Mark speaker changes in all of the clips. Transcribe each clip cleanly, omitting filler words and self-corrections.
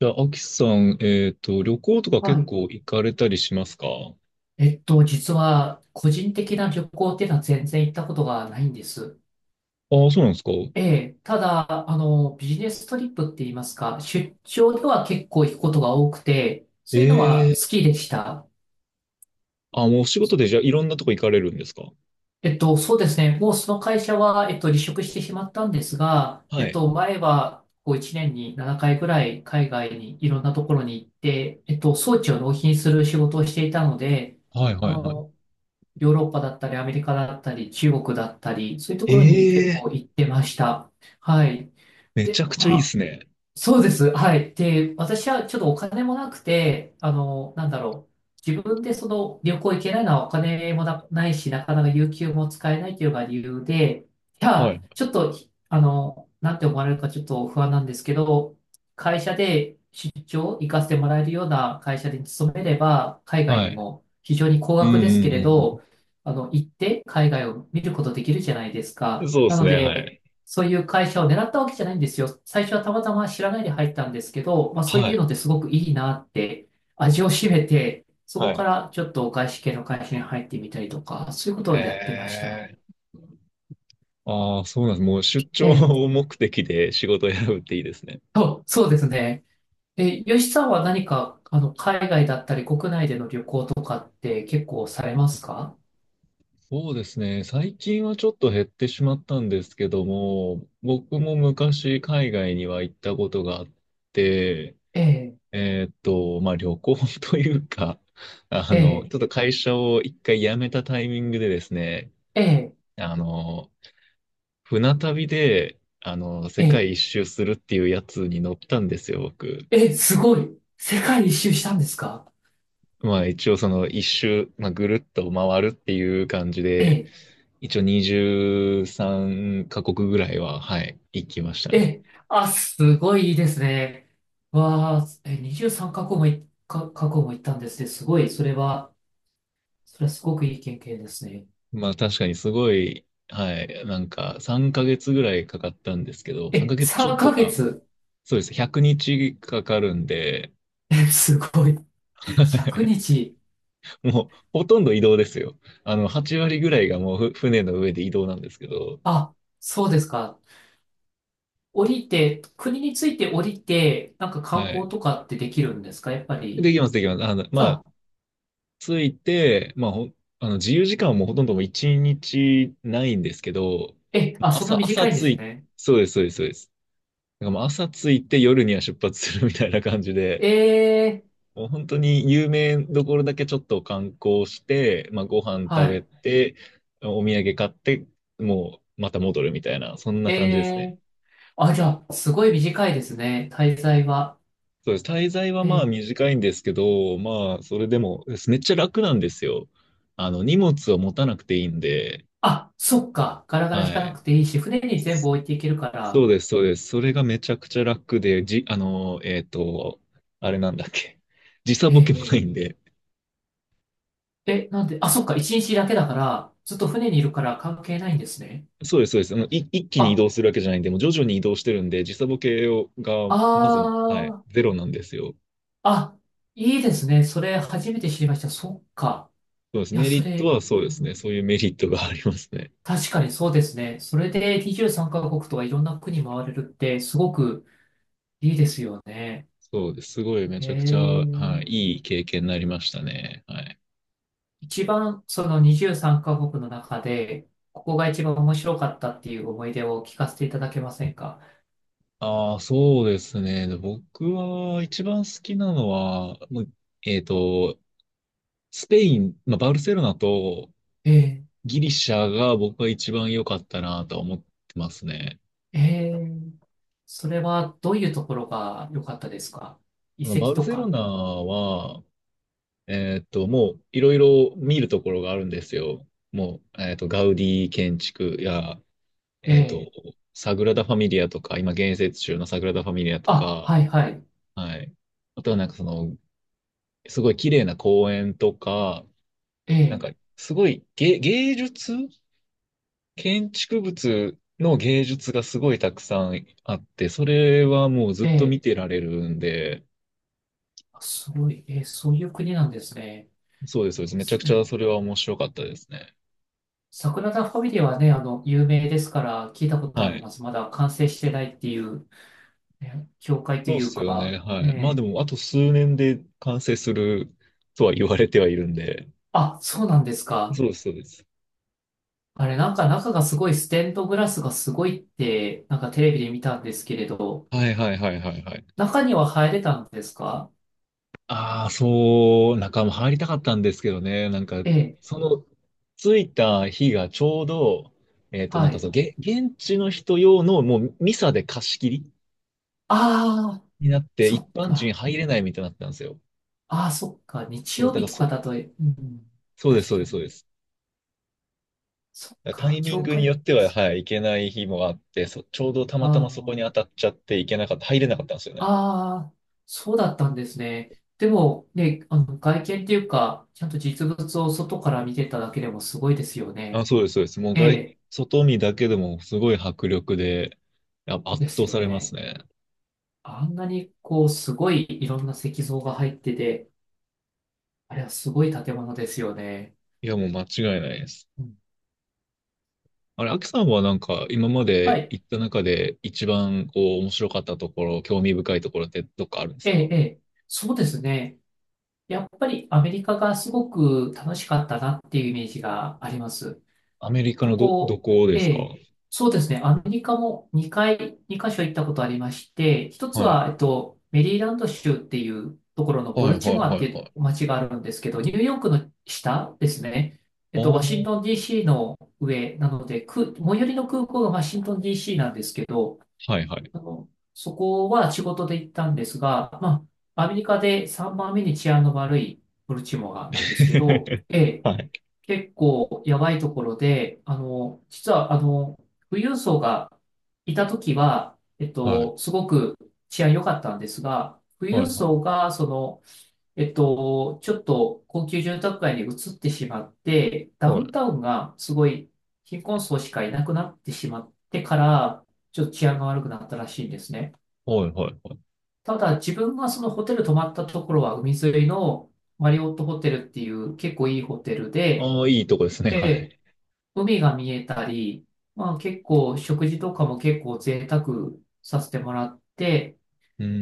Speaker 1: じゃあ、アキさん、旅行とか
Speaker 2: は
Speaker 1: 結
Speaker 2: い。
Speaker 1: 構行かれたりしますか？
Speaker 2: 実は、個人的な旅行っていうのは全然行ったことがないんです。
Speaker 1: ああ、そうなんですか。
Speaker 2: ええ、ただ、ビジネストリップって言いますか、出張では結構行くことが多くて、そういうのは
Speaker 1: え
Speaker 2: 好
Speaker 1: え。
Speaker 2: きでした。
Speaker 1: あ、もうお仕事でじゃあいろんなとこ行かれるんですか？
Speaker 2: そうですね。もうその会社は、離職してしまったんですが、
Speaker 1: はい。
Speaker 2: 前は、こう1年に7回ぐらい海外にいろんなところに行って、装置を納品する仕事をしていたので、
Speaker 1: はい
Speaker 2: あ
Speaker 1: はいはい。
Speaker 2: の、ヨーロッパだったり、アメリカだったり、中国だったり、そういうところに結
Speaker 1: ええ。
Speaker 2: 構行ってました。はい。
Speaker 1: めち
Speaker 2: で、
Speaker 1: ゃくちゃい
Speaker 2: ま
Speaker 1: いで
Speaker 2: あ、
Speaker 1: すね。
Speaker 2: そうです。はい。で、私はちょっとお金もなくて、なんだろう。自分でその旅行行けないのはお金もな、ないし、なかなか有給も使えないというのが理由で、い
Speaker 1: はい。
Speaker 2: や、ちょっと、なんて思われるかちょっと不安なんですけど、会社で出張行かせてもらえるような会社に勤めれば、海外
Speaker 1: は
Speaker 2: に
Speaker 1: い。
Speaker 2: も非常に高
Speaker 1: う
Speaker 2: 額です
Speaker 1: んう
Speaker 2: けれ
Speaker 1: んうん
Speaker 2: ど、行って海外を見ることできるじゃないです
Speaker 1: うん。
Speaker 2: か。
Speaker 1: そうで
Speaker 2: な
Speaker 1: す
Speaker 2: の
Speaker 1: ね、は
Speaker 2: で、
Speaker 1: い。
Speaker 2: そういう会社を狙ったわけじゃないんですよ。最初はたまたま知らないで入ったんですけど、まあそう
Speaker 1: は
Speaker 2: いう
Speaker 1: い。
Speaker 2: のってすごくいいなって、味を占めて、そ
Speaker 1: は
Speaker 2: こか
Speaker 1: い。
Speaker 2: らちょっと外資系の会社に入ってみたりとか、そういうことをやってました。
Speaker 1: ええ。ああ、そうなんです。もう出
Speaker 2: え
Speaker 1: 張
Speaker 2: え。
Speaker 1: を目的で仕事を選ぶっていいですね。
Speaker 2: そうですね。え、吉さんは何か、海外だったり国内での旅行とかって結構されますか？
Speaker 1: そうですね。最近はちょっと減ってしまったんですけども、僕も昔海外には行ったことがあって、
Speaker 2: ええ、
Speaker 1: まあ旅行 というか、
Speaker 2: ええ、
Speaker 1: ちょっと会社を一回辞めたタイミングでですね、
Speaker 2: ええ、
Speaker 1: あの、船旅で、世
Speaker 2: ええ、
Speaker 1: 界一周するっていうやつに乗ったんですよ、僕。
Speaker 2: ええ、すごい。世界一周したんですか？
Speaker 1: まあ一応その一周、まあ、ぐるっと回るっていう感じ
Speaker 2: え
Speaker 1: で、
Speaker 2: え、
Speaker 1: 一応23カ国ぐらいは、はい、行きましたね。
Speaker 2: え、あ、すごいいいですね。わあ、え、23カ国もい、か、カ国も行ったんですね。すごい、それは、それはすごくいい経験ですね。
Speaker 1: まあ確かにすごい、はい、なんか3ヶ月ぐらいかかったんですけど、3
Speaker 2: え、
Speaker 1: ヶ月ちょ
Speaker 2: 3
Speaker 1: っと
Speaker 2: ヶ
Speaker 1: か。
Speaker 2: 月。
Speaker 1: そうです。100日かかるんで、
Speaker 2: え、すごい。100日。
Speaker 1: もうほとんど移動ですよ。8割ぐらいがもう船の上で移動なんですけど、
Speaker 2: あ、そうですか。降りて、国について降りて、なんか
Speaker 1: は
Speaker 2: 観
Speaker 1: い。
Speaker 2: 光とかってできるんですか？やっぱ
Speaker 1: で
Speaker 2: り。
Speaker 1: きます、できます。
Speaker 2: あ、
Speaker 1: ついて、まあ、あの自由時間はもうほとんどもう一日ないんですけど、
Speaker 2: え、あ、そんな
Speaker 1: 朝、
Speaker 2: 短
Speaker 1: 朝
Speaker 2: いんで
Speaker 1: つ
Speaker 2: す
Speaker 1: い、
Speaker 2: ね。
Speaker 1: そうです、そうです、そうです。だからもう朝ついて夜には出発するみたいな感じで、
Speaker 2: えー、
Speaker 1: もう本当に有名どころだけちょっと観光して、まあ、ご飯食
Speaker 2: は
Speaker 1: べ
Speaker 2: い。
Speaker 1: て、お土産買って、もうまた戻るみたいな、そんな感じですね。
Speaker 2: えー、あ、じゃあ、すごい短いですね。滞在は。
Speaker 1: そうです。滞在は
Speaker 2: え
Speaker 1: まあ
Speaker 2: ー、
Speaker 1: 短いんですけど、まあ、それでも、めっちゃ楽なんですよ。荷物を持たなくていいんで、
Speaker 2: あ、そっか。ガラガラ引
Speaker 1: は
Speaker 2: かな
Speaker 1: い。
Speaker 2: くていいし、船に全部置いていけるか
Speaker 1: そ
Speaker 2: ら。
Speaker 1: うです、そうです。それがめちゃくちゃ楽で、じ、あの、えっと、あれなんだっけ。時差
Speaker 2: え
Speaker 1: ボケもな
Speaker 2: え、
Speaker 1: いんで。
Speaker 2: ええ、え、なんで、あ、そっか。一日だけだから、ずっと船にいるから関係ないんですね。
Speaker 1: そうです、そうです。一気に移
Speaker 2: あ、
Speaker 1: 動するわけじゃないんで、もう徐々に移動してるんで、時差ボケを、が、まず、はい、
Speaker 2: あ、
Speaker 1: ゼロなんですよ。
Speaker 2: ああ、いいですね。それ初めて知りました。そっか。
Speaker 1: そうです。
Speaker 2: いや、
Speaker 1: メリ
Speaker 2: そ
Speaker 1: ット
Speaker 2: れ、
Speaker 1: はそ
Speaker 2: う
Speaker 1: うですね。
Speaker 2: ん、
Speaker 1: そういうメリットがありますね。
Speaker 2: 確かにそうですね。それで23カ国とかいろんな国回れるってすごくいいですよね。
Speaker 1: そうです。すごいめ
Speaker 2: え
Speaker 1: ちゃくちゃ、は
Speaker 2: え。
Speaker 1: い、いい経験になりましたね。はい。
Speaker 2: 一番その23カ国の中で、ここが一番面白かったっていう思い出を聞かせていただけませんか？
Speaker 1: ああ、そうですね。で僕は一番好きなのは、もうえっと、スペイン、まあ、バルセロナと
Speaker 2: え
Speaker 1: ギリシャが僕は一番良かったなとは思ってますね。
Speaker 2: ー、えー、それはどういうところが良かったですか？遺
Speaker 1: あの
Speaker 2: 跡
Speaker 1: バル
Speaker 2: と
Speaker 1: セロ
Speaker 2: か。
Speaker 1: ナは、もういろいろ見るところがあるんですよ。もう、ガウディ建築や、
Speaker 2: え
Speaker 1: えーっと、
Speaker 2: え、
Speaker 1: サグラダ・ファミリアとか、今建設中のサグラダ・ファミリアと
Speaker 2: あ、
Speaker 1: か、
Speaker 2: はいはい。
Speaker 1: はい。あとはなんかすごい綺麗な公園とか、
Speaker 2: え
Speaker 1: なんか、
Speaker 2: え、
Speaker 1: すごい芸術建築物の芸術がすごいたくさんあって、それはもうずっと
Speaker 2: え
Speaker 1: 見
Speaker 2: え、
Speaker 1: てられるんで、
Speaker 2: あ、すごい。ええ、そういう国なんですね。
Speaker 1: そうです、そうです。めちゃ
Speaker 2: す、
Speaker 1: く
Speaker 2: え
Speaker 1: ちゃ
Speaker 2: え、
Speaker 1: それは面白かったですね。
Speaker 2: サグラダ・ファミリアはね、有名ですから聞いたことあ
Speaker 1: は
Speaker 2: り
Speaker 1: い。
Speaker 2: ます。まだ完成してないっていう、ね、教会と
Speaker 1: そう
Speaker 2: い
Speaker 1: っ
Speaker 2: う
Speaker 1: すよね。
Speaker 2: か、
Speaker 1: は
Speaker 2: え
Speaker 1: い。まあで
Speaker 2: え、
Speaker 1: も、あと数年で完成するとは言われてはいるんで。
Speaker 2: あ、そうなんですか。
Speaker 1: そうです、そうです。
Speaker 2: あれ、なんか中がすごいステンドグラスがすごいって、なんかテレビで見たんですけれど、
Speaker 1: はいはいはいはいはい。
Speaker 2: 中には入れたんですか？
Speaker 1: ああ、そう、中も入りたかったんですけどね。なんか、
Speaker 2: ええ、
Speaker 1: その、着いた日がちょうど、なん
Speaker 2: は
Speaker 1: か
Speaker 2: い。
Speaker 1: そう、現地の人用のもうミサで貸し切り
Speaker 2: ああ、
Speaker 1: になって、
Speaker 2: そ
Speaker 1: 一
Speaker 2: っ
Speaker 1: 般人
Speaker 2: か。
Speaker 1: 入れないみたいになったんですよ。
Speaker 2: ああ、そっか。日
Speaker 1: そう、
Speaker 2: 曜
Speaker 1: だか
Speaker 2: 日
Speaker 1: ら
Speaker 2: と
Speaker 1: そ
Speaker 2: か
Speaker 1: う、
Speaker 2: だと、うん、
Speaker 1: そうです、
Speaker 2: 確
Speaker 1: そうで
Speaker 2: か
Speaker 1: す、
Speaker 2: に。
Speaker 1: そうです。
Speaker 2: そっ
Speaker 1: だからタ
Speaker 2: か。
Speaker 1: イミン
Speaker 2: 教
Speaker 1: グに
Speaker 2: 会。
Speaker 1: よっては、はい、行けない日もあって、ちょうどたまた
Speaker 2: あ
Speaker 1: まそこに当たっちゃって行けなかった、入れなかったんですよ
Speaker 2: あ、
Speaker 1: ね。
Speaker 2: ああ、そうだったんですね。でも、ね、外見っていうか、ちゃんと実物を外から見てただけでもすごいですよ
Speaker 1: あ、
Speaker 2: ね。
Speaker 1: そうです、そうです。もう
Speaker 2: え
Speaker 1: 外、
Speaker 2: え、
Speaker 1: 外見だけでもすごい迫力で、
Speaker 2: そう
Speaker 1: 圧
Speaker 2: です
Speaker 1: 倒さ
Speaker 2: よ
Speaker 1: れます
Speaker 2: ね。
Speaker 1: ね。
Speaker 2: あんなにこう、すごいいろんな石像が入ってて、あれはすごい建物ですよね。
Speaker 1: いや、もう間違いないです。
Speaker 2: うん、
Speaker 1: あれ、アキさんはなんか、今ま
Speaker 2: は
Speaker 1: で
Speaker 2: い。
Speaker 1: 行った中で一番こう、面白かったところ、興味深いところってどっかあるんです
Speaker 2: ええ、
Speaker 1: か？
Speaker 2: ええ。そうですね。やっぱりアメリカがすごく楽しかったなっていうイメージがあります。
Speaker 1: アメリカのど、ど
Speaker 2: こ
Speaker 1: こで
Speaker 2: う、え
Speaker 1: すか？
Speaker 2: え、
Speaker 1: はい。
Speaker 2: そうですね。アメリカも2カ所行ったことありまして、一つ
Speaker 1: はい、
Speaker 2: は、メリーランド州っていうところの
Speaker 1: は
Speaker 2: ボル
Speaker 1: い、は
Speaker 2: チモ
Speaker 1: い、
Speaker 2: ア
Speaker 1: は
Speaker 2: っていう
Speaker 1: い。
Speaker 2: 街があるんですけど、ニューヨークの下ですね。
Speaker 1: あ
Speaker 2: ワシントン
Speaker 1: あ、
Speaker 2: DC の上なので、く、最寄りの空港がワシントン DC なんですけど、
Speaker 1: はいはい。
Speaker 2: あの、そこは仕事で行ったんですが、まあ、アメリカで3番目に治安の悪いボルチモアなんですけど、ええ、
Speaker 1: はい。
Speaker 2: 結構やばいところで、実は、富裕層がいたときは、
Speaker 1: はい。
Speaker 2: すごく治安良かったんですが、富
Speaker 1: は
Speaker 2: 裕
Speaker 1: いはい。
Speaker 2: 層が、その、ちょっと高級住宅街に移ってしまって、ダ
Speaker 1: は
Speaker 2: ウ
Speaker 1: い。
Speaker 2: ンタウンがすごい貧困層しかいなくなってしまってから、ちょっと治安が悪くなったらしいんですね。
Speaker 1: はいはいはい。
Speaker 2: ただ、自分がそのホテル泊まったところは海沿いのマリオットホテルっていう結構いいホテルで、
Speaker 1: ああ、いいとこですね。
Speaker 2: え
Speaker 1: は
Speaker 2: え、
Speaker 1: い。
Speaker 2: 海が見えたり、まあ結構食事とかも結構贅沢させてもらって、
Speaker 1: うんう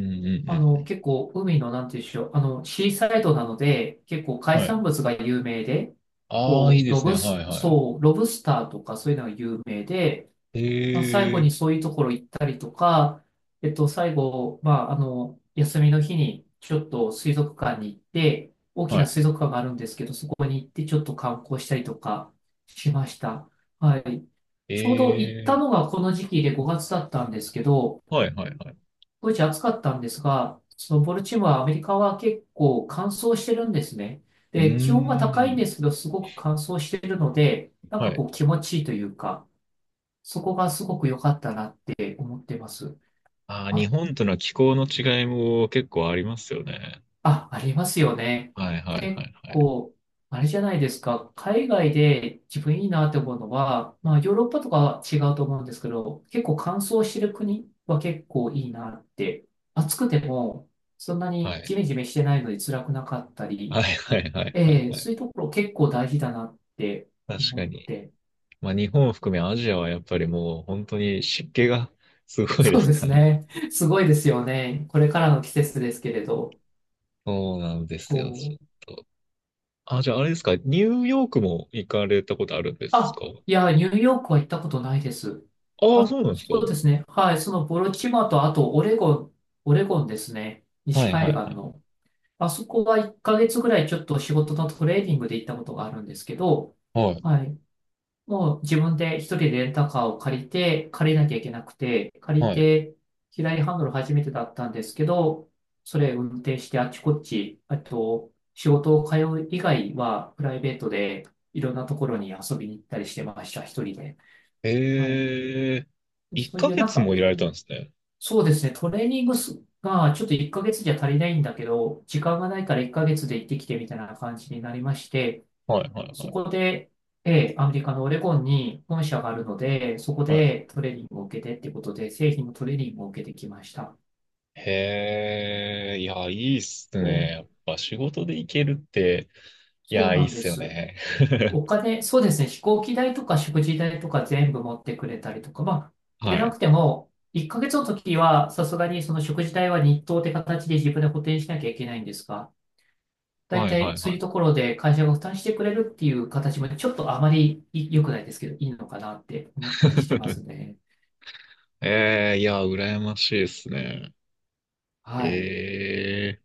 Speaker 1: んうん。
Speaker 2: 結構海のなんていうんでしょう、あのシーサイドなので結構海
Speaker 1: はい。
Speaker 2: 産物が有名で、
Speaker 1: ああ、いい
Speaker 2: こう
Speaker 1: で
Speaker 2: ロ
Speaker 1: すね。
Speaker 2: ブ
Speaker 1: は
Speaker 2: ス、
Speaker 1: いは
Speaker 2: そう、ロブスターとかそういうのが有名で、
Speaker 1: い。
Speaker 2: まあ、最
Speaker 1: え
Speaker 2: 後
Speaker 1: え、
Speaker 2: にそういうところ行ったりとか、最後、まあ、休みの日にちょっと水族館に行って、大き
Speaker 1: は
Speaker 2: な
Speaker 1: い。
Speaker 2: 水族館があるんですけど、そこに行ってちょっと観光したりとかしました。はい。
Speaker 1: え
Speaker 2: ちょうど行った
Speaker 1: え、
Speaker 2: のがこの時期で5月だったんですけど、
Speaker 1: はいはいはい。
Speaker 2: 当時暑かったんですが、そのボルチモア、アメリカは結構乾燥してるんですね。
Speaker 1: うー
Speaker 2: で、気温が高いんで
Speaker 1: ん。
Speaker 2: すけど、すごく乾燥してるので、なん
Speaker 1: は
Speaker 2: か
Speaker 1: い。
Speaker 2: こう気持ちいいというか、そこがすごく良かったなって思ってます。
Speaker 1: ああ、日
Speaker 2: あ、
Speaker 1: 本との気候の違いも結構ありますよね。
Speaker 2: あ、ありますよね。
Speaker 1: はいはいはい
Speaker 2: 結
Speaker 1: はい。
Speaker 2: 構、あれじゃないですか。海外で自分いいなって思うのは、まあヨーロッパとかは違うと思うんですけど、結構乾燥してる国は結構いいなって。暑くても、そんな
Speaker 1: は
Speaker 2: に
Speaker 1: い。
Speaker 2: ジメジメしてないので辛くなかった
Speaker 1: はい
Speaker 2: り、
Speaker 1: はいはいはい
Speaker 2: ええ、
Speaker 1: はい。
Speaker 2: そういうところ結構大事だなって
Speaker 1: 確
Speaker 2: 思
Speaker 1: か
Speaker 2: っ
Speaker 1: に。
Speaker 2: て。
Speaker 1: まあ日本を含めアジアはやっぱりもう本当に湿気がすごいで
Speaker 2: そう
Speaker 1: す
Speaker 2: で
Speaker 1: か
Speaker 2: す
Speaker 1: らね。
Speaker 2: ね。すごいですよね。これからの季節ですけれど。
Speaker 1: そうなんですよ、ち
Speaker 2: そう。
Speaker 1: ょっと。あ、じゃああれですか、ニューヨークも行かれたことあるんですか？
Speaker 2: あ、いや、ニューヨークは行ったことないです。
Speaker 1: ああ、
Speaker 2: あ、
Speaker 1: そうなんですか？
Speaker 2: そうですね。はい。そのボロチマと、あとオレゴン、オレゴンですね。西
Speaker 1: はいは
Speaker 2: 海
Speaker 1: い
Speaker 2: 岸
Speaker 1: はい。
Speaker 2: の。あそこは1ヶ月ぐらいちょっと仕事のトレーニングで行ったことがあるんですけど、
Speaker 1: はい
Speaker 2: はい。もう自分で一人でレンタカーを借りなきゃいけなくて、借り
Speaker 1: はい。
Speaker 2: て、左ハンドル初めてだったんですけど、それ運転してあっちこっち、あと、仕事を通う以外は、プライベートでいろんなところに遊びに行ったりしてました、一人で。は
Speaker 1: ええ、
Speaker 2: い。
Speaker 1: 1
Speaker 2: そういう
Speaker 1: ヶ
Speaker 2: なん
Speaker 1: 月も
Speaker 2: か、
Speaker 1: いられたんですね。
Speaker 2: そうですね、トレーニングすがちょっと1ヶ月じゃ足りないんだけど、時間がないから1ヶ月で行ってきてみたいな感じになりまして、
Speaker 1: はいはいは
Speaker 2: そ
Speaker 1: い。
Speaker 2: こで、えーアメリカのオレゴンに本社があるので、そこ
Speaker 1: はい。
Speaker 2: でトレーニングを受けてっていうことで、製品のトレーニングを受けてきました。
Speaker 1: へえ、いや、いいっす
Speaker 2: そ
Speaker 1: ね。
Speaker 2: う、
Speaker 1: やっぱ仕事で行けるって、い
Speaker 2: そう
Speaker 1: や、いい
Speaker 2: な
Speaker 1: っ
Speaker 2: んで
Speaker 1: すよ
Speaker 2: す。
Speaker 1: ね。
Speaker 2: お 金、そうですね、飛行機代とか食事代とか全部持ってくれたりとか、まあ、で
Speaker 1: は
Speaker 2: な
Speaker 1: い。
Speaker 2: くても、1ヶ月の時は、さすがにその食事代は日当って形で自分で補填しなきゃいけないんですが、大
Speaker 1: はいは
Speaker 2: 体
Speaker 1: い
Speaker 2: そう
Speaker 1: は
Speaker 2: いう
Speaker 1: い。
Speaker 2: ところで会社が負担してくれるっていう形も、ちょっとあまり良くないですけど、いいのかなって思ったりしてま すね。
Speaker 1: ええ、いや、羨ましいっすね。
Speaker 2: はい。
Speaker 1: ええ。